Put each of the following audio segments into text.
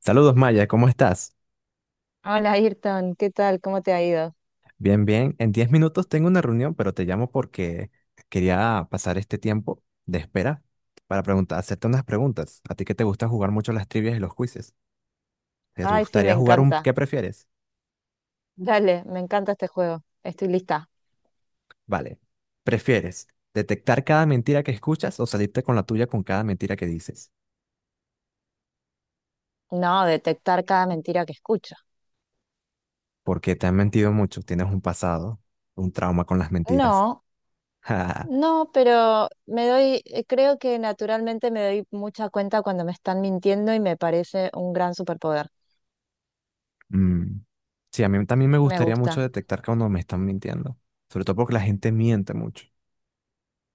Saludos Maya, ¿cómo estás? Hola Ayrton, ¿qué tal? ¿Cómo te ha ido? Bien, bien. En 10 minutos tengo una reunión, pero te llamo porque quería pasar este tiempo de espera para preguntar, hacerte unas preguntas. A ti que te gusta jugar mucho las trivias y los quizzes. ¿Te Ay, sí, me gustaría jugar un encanta. qué prefieres? Dale, me encanta este juego. Estoy lista. Vale. ¿Prefieres detectar cada mentira que escuchas o salirte con la tuya con cada mentira que dices? No, detectar cada mentira que escucho. Porque te han mentido mucho, tienes un pasado, un trauma con las mentiras. No, no, pero me doy, creo que naturalmente me doy mucha cuenta cuando me están mintiendo y me parece un gran superpoder. Mm. Sí, a mí también me Me gustaría mucho gusta. detectar cuando me están mintiendo, sobre todo porque la gente miente mucho.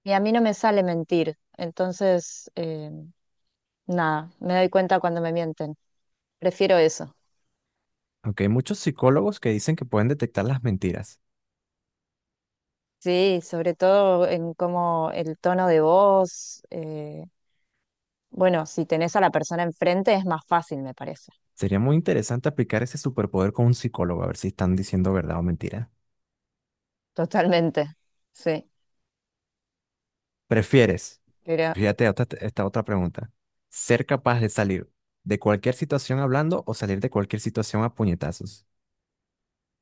Y a mí no me sale mentir, entonces, nada, me doy cuenta cuando me mienten. Prefiero eso. Aunque hay muchos psicólogos que dicen que pueden detectar las mentiras. Sí, sobre todo en cómo el tono de voz. Bueno, si tenés a la persona enfrente es más fácil, me parece. Sería muy interesante aplicar ese superpoder con un psicólogo, a ver si están diciendo verdad o mentira. Totalmente. Sí. ¿Prefieres? Pero Fíjate esta otra pregunta. ¿Ser capaz de salir de cualquier situación hablando o salir de cualquier situación a puñetazos?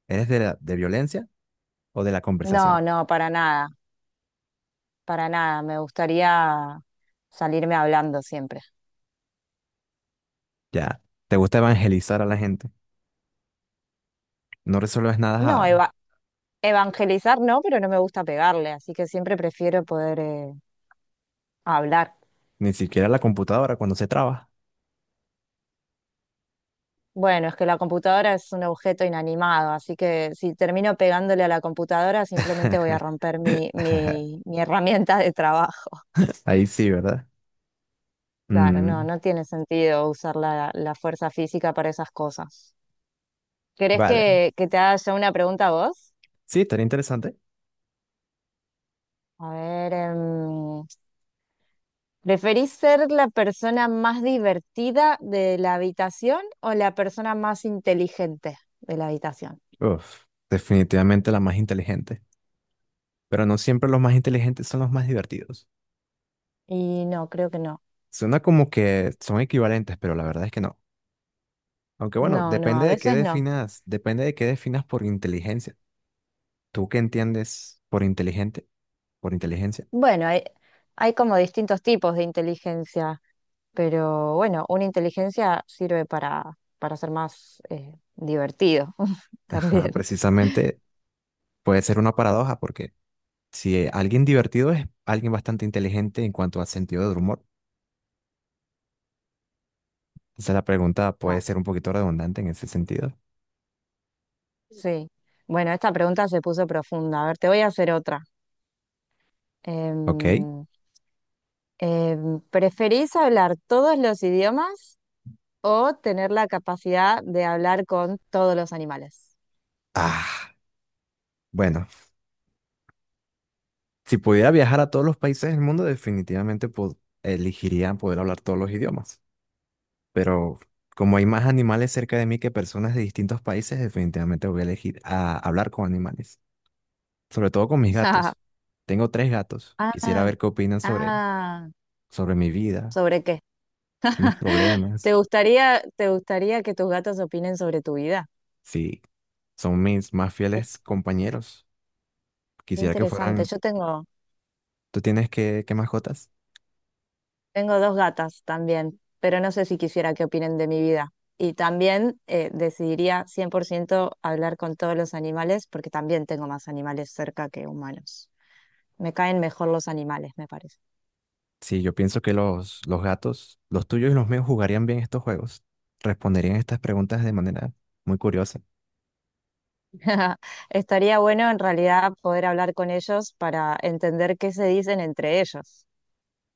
¿Eres de violencia o de la no, conversación? no, para nada, para nada. Me gustaría salirme hablando siempre. Ya, ¿te gusta evangelizar a la gente? No resuelves nada. No, evangelizar no, pero no me gusta pegarle, así que siempre prefiero poder hablar. Ni siquiera la computadora cuando se traba. Bueno, es que la computadora es un objeto inanimado, así que si termino pegándole a la computadora, simplemente voy a romper mi, mi herramienta de trabajo. Ahí sí, ¿verdad? Claro, no, Mm, no tiene sentido usar la, la fuerza física para esas cosas. ¿Querés vale. que te haga yo una pregunta a vos? Sí, estaría interesante. A ver, ¿preferís ser la persona más divertida de la habitación o la persona más inteligente de la habitación? Uf, definitivamente la más inteligente. Pero no siempre los más inteligentes son los más divertidos. Y no, creo que no. Suena como que son equivalentes, pero la verdad es que no. Aunque bueno, No, no, depende a de qué veces no. definas, depende de qué definas por inteligencia. ¿Tú qué entiendes por inteligente? Por inteligencia. Bueno, hay como distintos tipos de inteligencia, pero bueno, una inteligencia sirve para ser más divertido Ajá, también. precisamente puede ser una paradoja porque si alguien divertido es alguien bastante inteligente en cuanto a sentido del humor. Quizá la pregunta puede ser Claro. un poquito redundante en ese sentido. Sí. Bueno, esta pregunta se puso profunda. A ver, te voy a hacer otra. Ok. Em, ¿Preferís hablar todos los idiomas o tener la capacidad de hablar con todos los animales? Ah, bueno, si pudiera viajar a todos los países del mundo, definitivamente elegiría poder hablar todos los idiomas. Pero como hay más animales cerca de mí que personas de distintos países, definitivamente voy a elegir a hablar con animales, sobre todo con mis gatos. Tengo tres gatos. Ah, Quisiera ver qué opinan sobre, ah, sobre mi vida, ¿sobre qué? mis problemas, Te gustaría que tus gatos opinen sobre tu vida? si son mis más Qué fieles compañeros. Quisiera que interesante. fueran... Yo tengo, ¿Tú tienes qué, qué mascotas? tengo dos gatas también, pero no sé si quisiera que opinen de mi vida. Y también decidiría 100% hablar con todos los animales, porque también tengo más animales cerca que humanos. Me caen mejor los animales, me parece. Sí, yo pienso que los gatos, los tuyos y los míos, jugarían bien estos juegos. Responderían estas preguntas de manera muy curiosa. Estaría bueno en realidad poder hablar con ellos para entender qué se dicen entre ellos.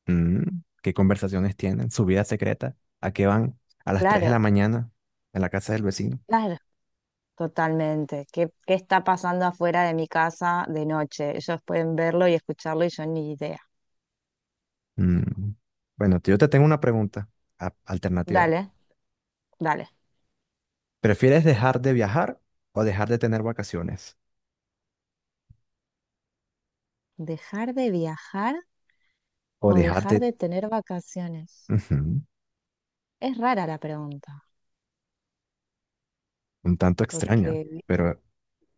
Mm, ¿qué conversaciones tienen? ¿Su vida secreta? ¿A qué van? ¿A las 3 de Claro, la mañana? ¿En la casa del vecino? claro, totalmente. ¿Qué, qué está pasando afuera de mi casa de noche? Ellos pueden verlo y escucharlo y yo ni idea. Mm, bueno, yo te tengo una pregunta alternativa. Dale, dale. ¿Prefieres dejar de viajar o dejar de tener vacaciones? ¿Dejar de viajar O o dejar dejar de... de tener vacaciones? Ujú, Es rara la pregunta, un tanto porque extraña, pero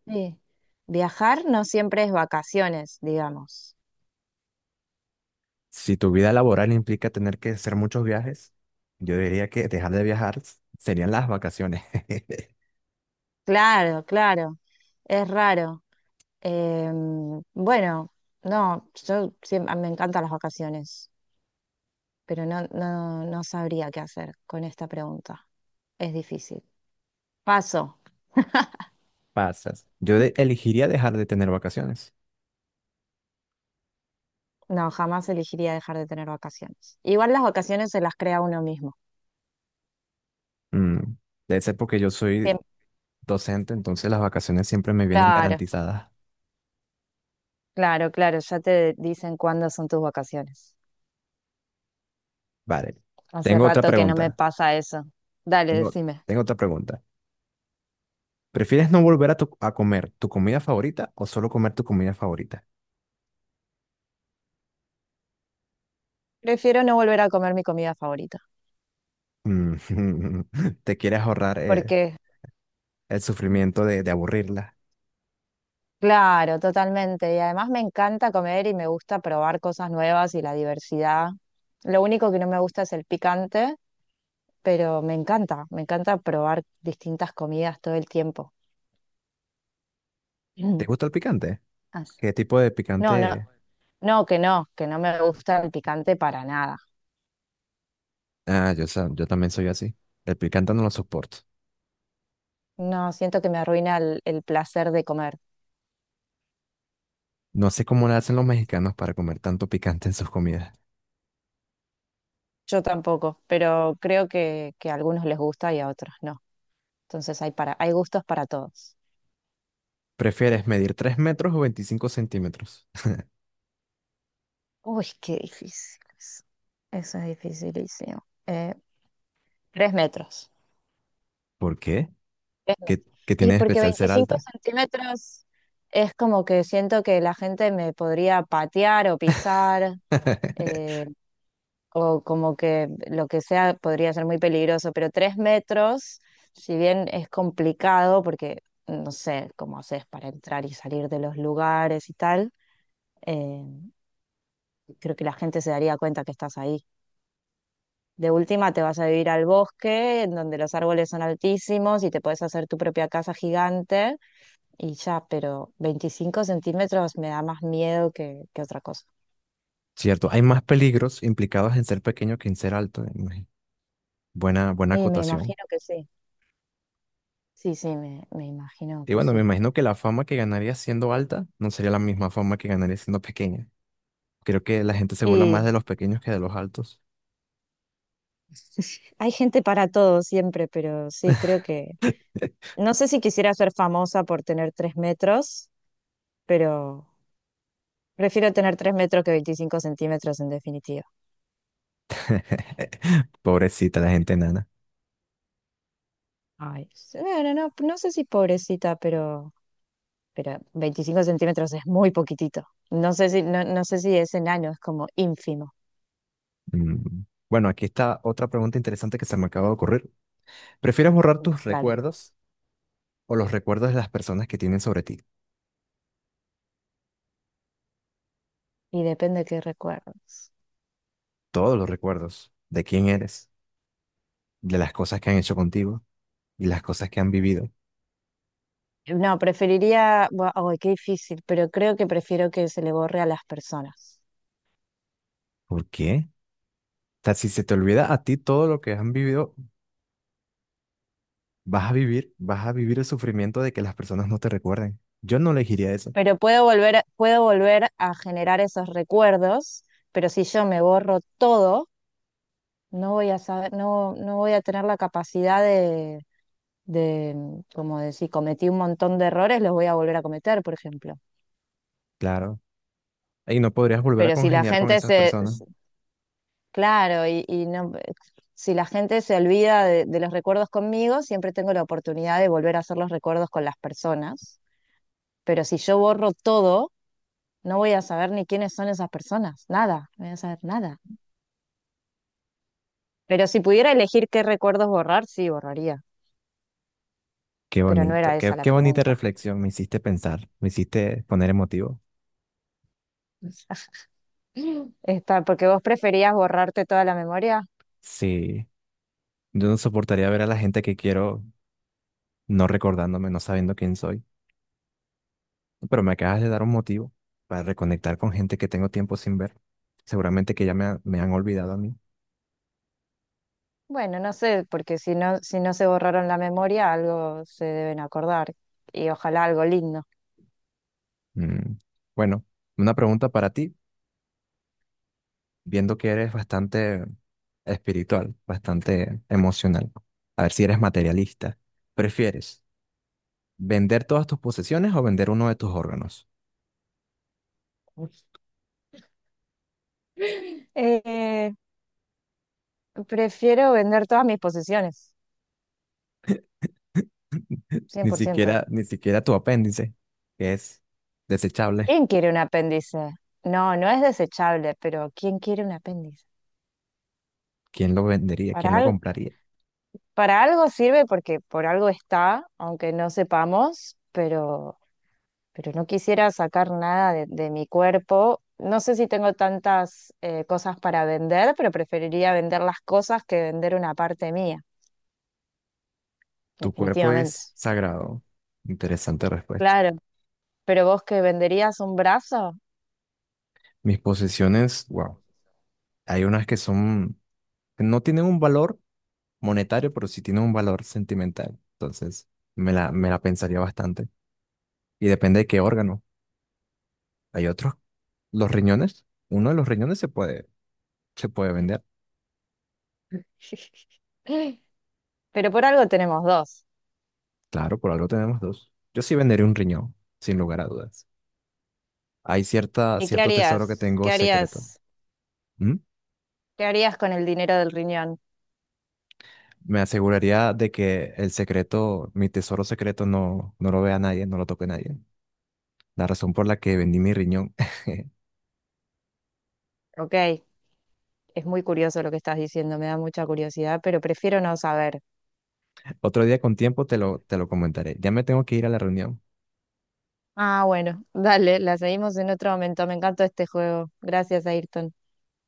¿viste? Viajar no siempre es vacaciones, digamos. si tu vida laboral implica tener que hacer muchos viajes, yo diría que dejar de viajar serían las vacaciones. Claro, claro, es raro. Bueno, no, yo siempre, me encantan las vacaciones, pero no, no, no sabría qué hacer con esta pregunta. Es difícil. Paso. Pasas. Yo elegiría dejar de tener vacaciones. No, jamás elegiría dejar de tener vacaciones. Igual las vacaciones se las crea uno mismo. Mm, debe ser porque yo soy Siempre. docente, entonces las vacaciones siempre me vienen Claro. garantizadas. Claro, claro, ya te dicen cuándo son tus vacaciones. Vale. Hace Tengo otra rato que no me pregunta. pasa eso. Dale, Tengo, decime. tengo otra pregunta. ¿Prefieres no volver a comer tu comida favorita o solo comer tu comida favorita? Prefiero no volver a comer mi comida favorita, Mm, ¿te quieres ahorrar porque, el sufrimiento de aburrirla? claro, totalmente. Y además me encanta comer y me gusta probar cosas nuevas y la diversidad. Lo único que no me gusta es el picante, pero me encanta probar distintas comidas todo el tiempo. ¿Te gusta el picante? Ah, sí. ¿Qué tipo de No, no, picante? no, que no, que no me gusta el picante para nada. Ah, yo también soy así. El picante no lo soporto. No, siento que me arruina el placer de comer. No sé cómo le hacen los mexicanos para comer tanto picante en sus comidas. Yo tampoco, pero creo que a algunos les gusta y a otros no. Entonces hay para, hay gustos para todos. ¿Prefieres medir 3 metros o 25 centímetros? Uy, qué difícil eso. Eso es dificilísimo. 3 metros. ¿Por qué? 3 metros. ¿Qué, qué Y tiene de porque especial ser 25 alta? centímetros es como que siento que la gente me podría patear o pisar. eh, o como que lo que sea podría ser muy peligroso, pero 3 metros, si bien es complicado, porque no sé cómo haces para entrar y salir de los lugares y tal, eh, creo que la gente se daría cuenta que estás ahí. De última te vas a vivir al bosque, en donde los árboles son altísimos y te puedes hacer tu propia casa gigante y ya, pero 25 centímetros me da más miedo que otra cosa. Cierto, hay más peligros implicados en ser pequeño que en ser alto. Imagi- buena Y me acotación. imagino que sí. Sí, sí, me imagino Y que bueno, me sí. imagino que la fama que ganaría siendo alta no sería la misma fama que ganaría siendo pequeña. Creo que la gente se burla más de los pequeños que de los altos. Hay gente para todo siempre, pero sí, creo que... No sé si quisiera ser famosa por tener 3 metros, pero prefiero tener 3 metros que 25 centímetros en definitiva. Pobrecita la gente nana. Ay, bueno, no, no sé si pobrecita, pero 25 centímetros es muy poquitito. No sé si, no, no sé si es enano, es como ínfimo. Mm. Bueno, aquí está otra pregunta interesante que se me acaba de ocurrir. ¿Prefieres borrar tus Dale. recuerdos o los recuerdos de las personas que tienen sobre ti? Y depende de qué recuerdos. Todos los recuerdos de quién eres, de las cosas que han hecho contigo y las cosas que han vivido. No, Ay, qué difícil, pero creo que prefiero que se le borre a las personas. ¿Por qué? O sea, si se te olvida a ti todo lo que han vivido, vas a vivir el sufrimiento de que las personas no te recuerden. Yo no elegiría eso, Pero puedo volver a generar esos recuerdos, pero si yo me borro todo, no voy a saber, no, no voy a tener la capacidad de, como decir, cometí un montón de errores, los voy a volver a cometer, por ejemplo. claro. Y no podrías volver a Pero si la congeniar con gente esas se, personas. se- claro, y no, si la gente se olvida de los recuerdos conmigo, siempre tengo la oportunidad de volver a hacer los recuerdos con las personas. Pero si yo borro todo, no voy a saber ni quiénes son esas personas, nada, no voy a saber nada. Pero si pudiera elegir qué recuerdos borrar, sí borraría. Qué Pero no bonito, era esa la qué bonita pregunta. reflexión, me hiciste pensar, me hiciste poner emotivo. Está, porque vos preferías borrarte toda la memoria. Sí, yo no soportaría ver a la gente que quiero no recordándome, no sabiendo quién soy, pero me acabas de dar un motivo para reconectar con gente que tengo tiempo sin ver. Seguramente que ya me han olvidado a mí. Bueno, no sé, porque si no, si no se borraron la memoria, algo se deben acordar. Y ojalá algo lindo. Mm, bueno, una pregunta para ti, viendo que eres bastante espiritual, bastante emocional, a ver si eres materialista. ¿Prefieres vender todas tus posesiones o vender uno de tus órganos? Eh, prefiero vender todas mis posesiones, cien por ciento. Ni siquiera tu apéndice, que es desechable. ¿Quién quiere un apéndice? No, no es desechable, pero ¿quién quiere un apéndice? ¿Quién lo vendería? Para, ¿Quién lo al- compraría? para algo sirve porque por algo está, aunque no sepamos, pero no quisiera sacar nada de, de mi cuerpo. No sé si tengo tantas cosas para vender, pero preferiría vender las cosas que vender una parte mía, Tu cuerpo definitivamente. es sagrado. Interesante respuesta. Claro, pero vos que venderías un brazo, Mis posesiones, wow. Hay unas que son, que no tienen un valor monetario, pero sí tienen un valor sentimental. Entonces, me la pensaría bastante. Y depende de qué órgano. Hay otros, los riñones. Uno de los riñones se puede vender. pero por algo tenemos dos. Claro, por algo tenemos dos. Yo sí vendería un riñón, sin lugar a dudas. Hay cierta, ¿Y qué cierto tesoro que harías? tengo ¿Qué secreto. harías? ¿M? ¿Qué harías con el dinero del riñón? Me aseguraría de que el secreto, mi tesoro secreto, no lo vea nadie, no lo toque nadie. La razón por la que vendí mi riñón. Ok, es muy curioso lo que estás diciendo, me da mucha curiosidad, pero prefiero no saber. Otro día con tiempo te te lo comentaré. Ya me tengo que ir a la reunión. Ah, bueno, dale, la seguimos en otro momento. Me encantó este juego. Gracias, Ayrton.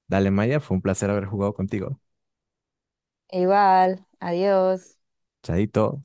Dale, Maya, fue un placer haber jugado contigo. Igual, adiós. Chaito.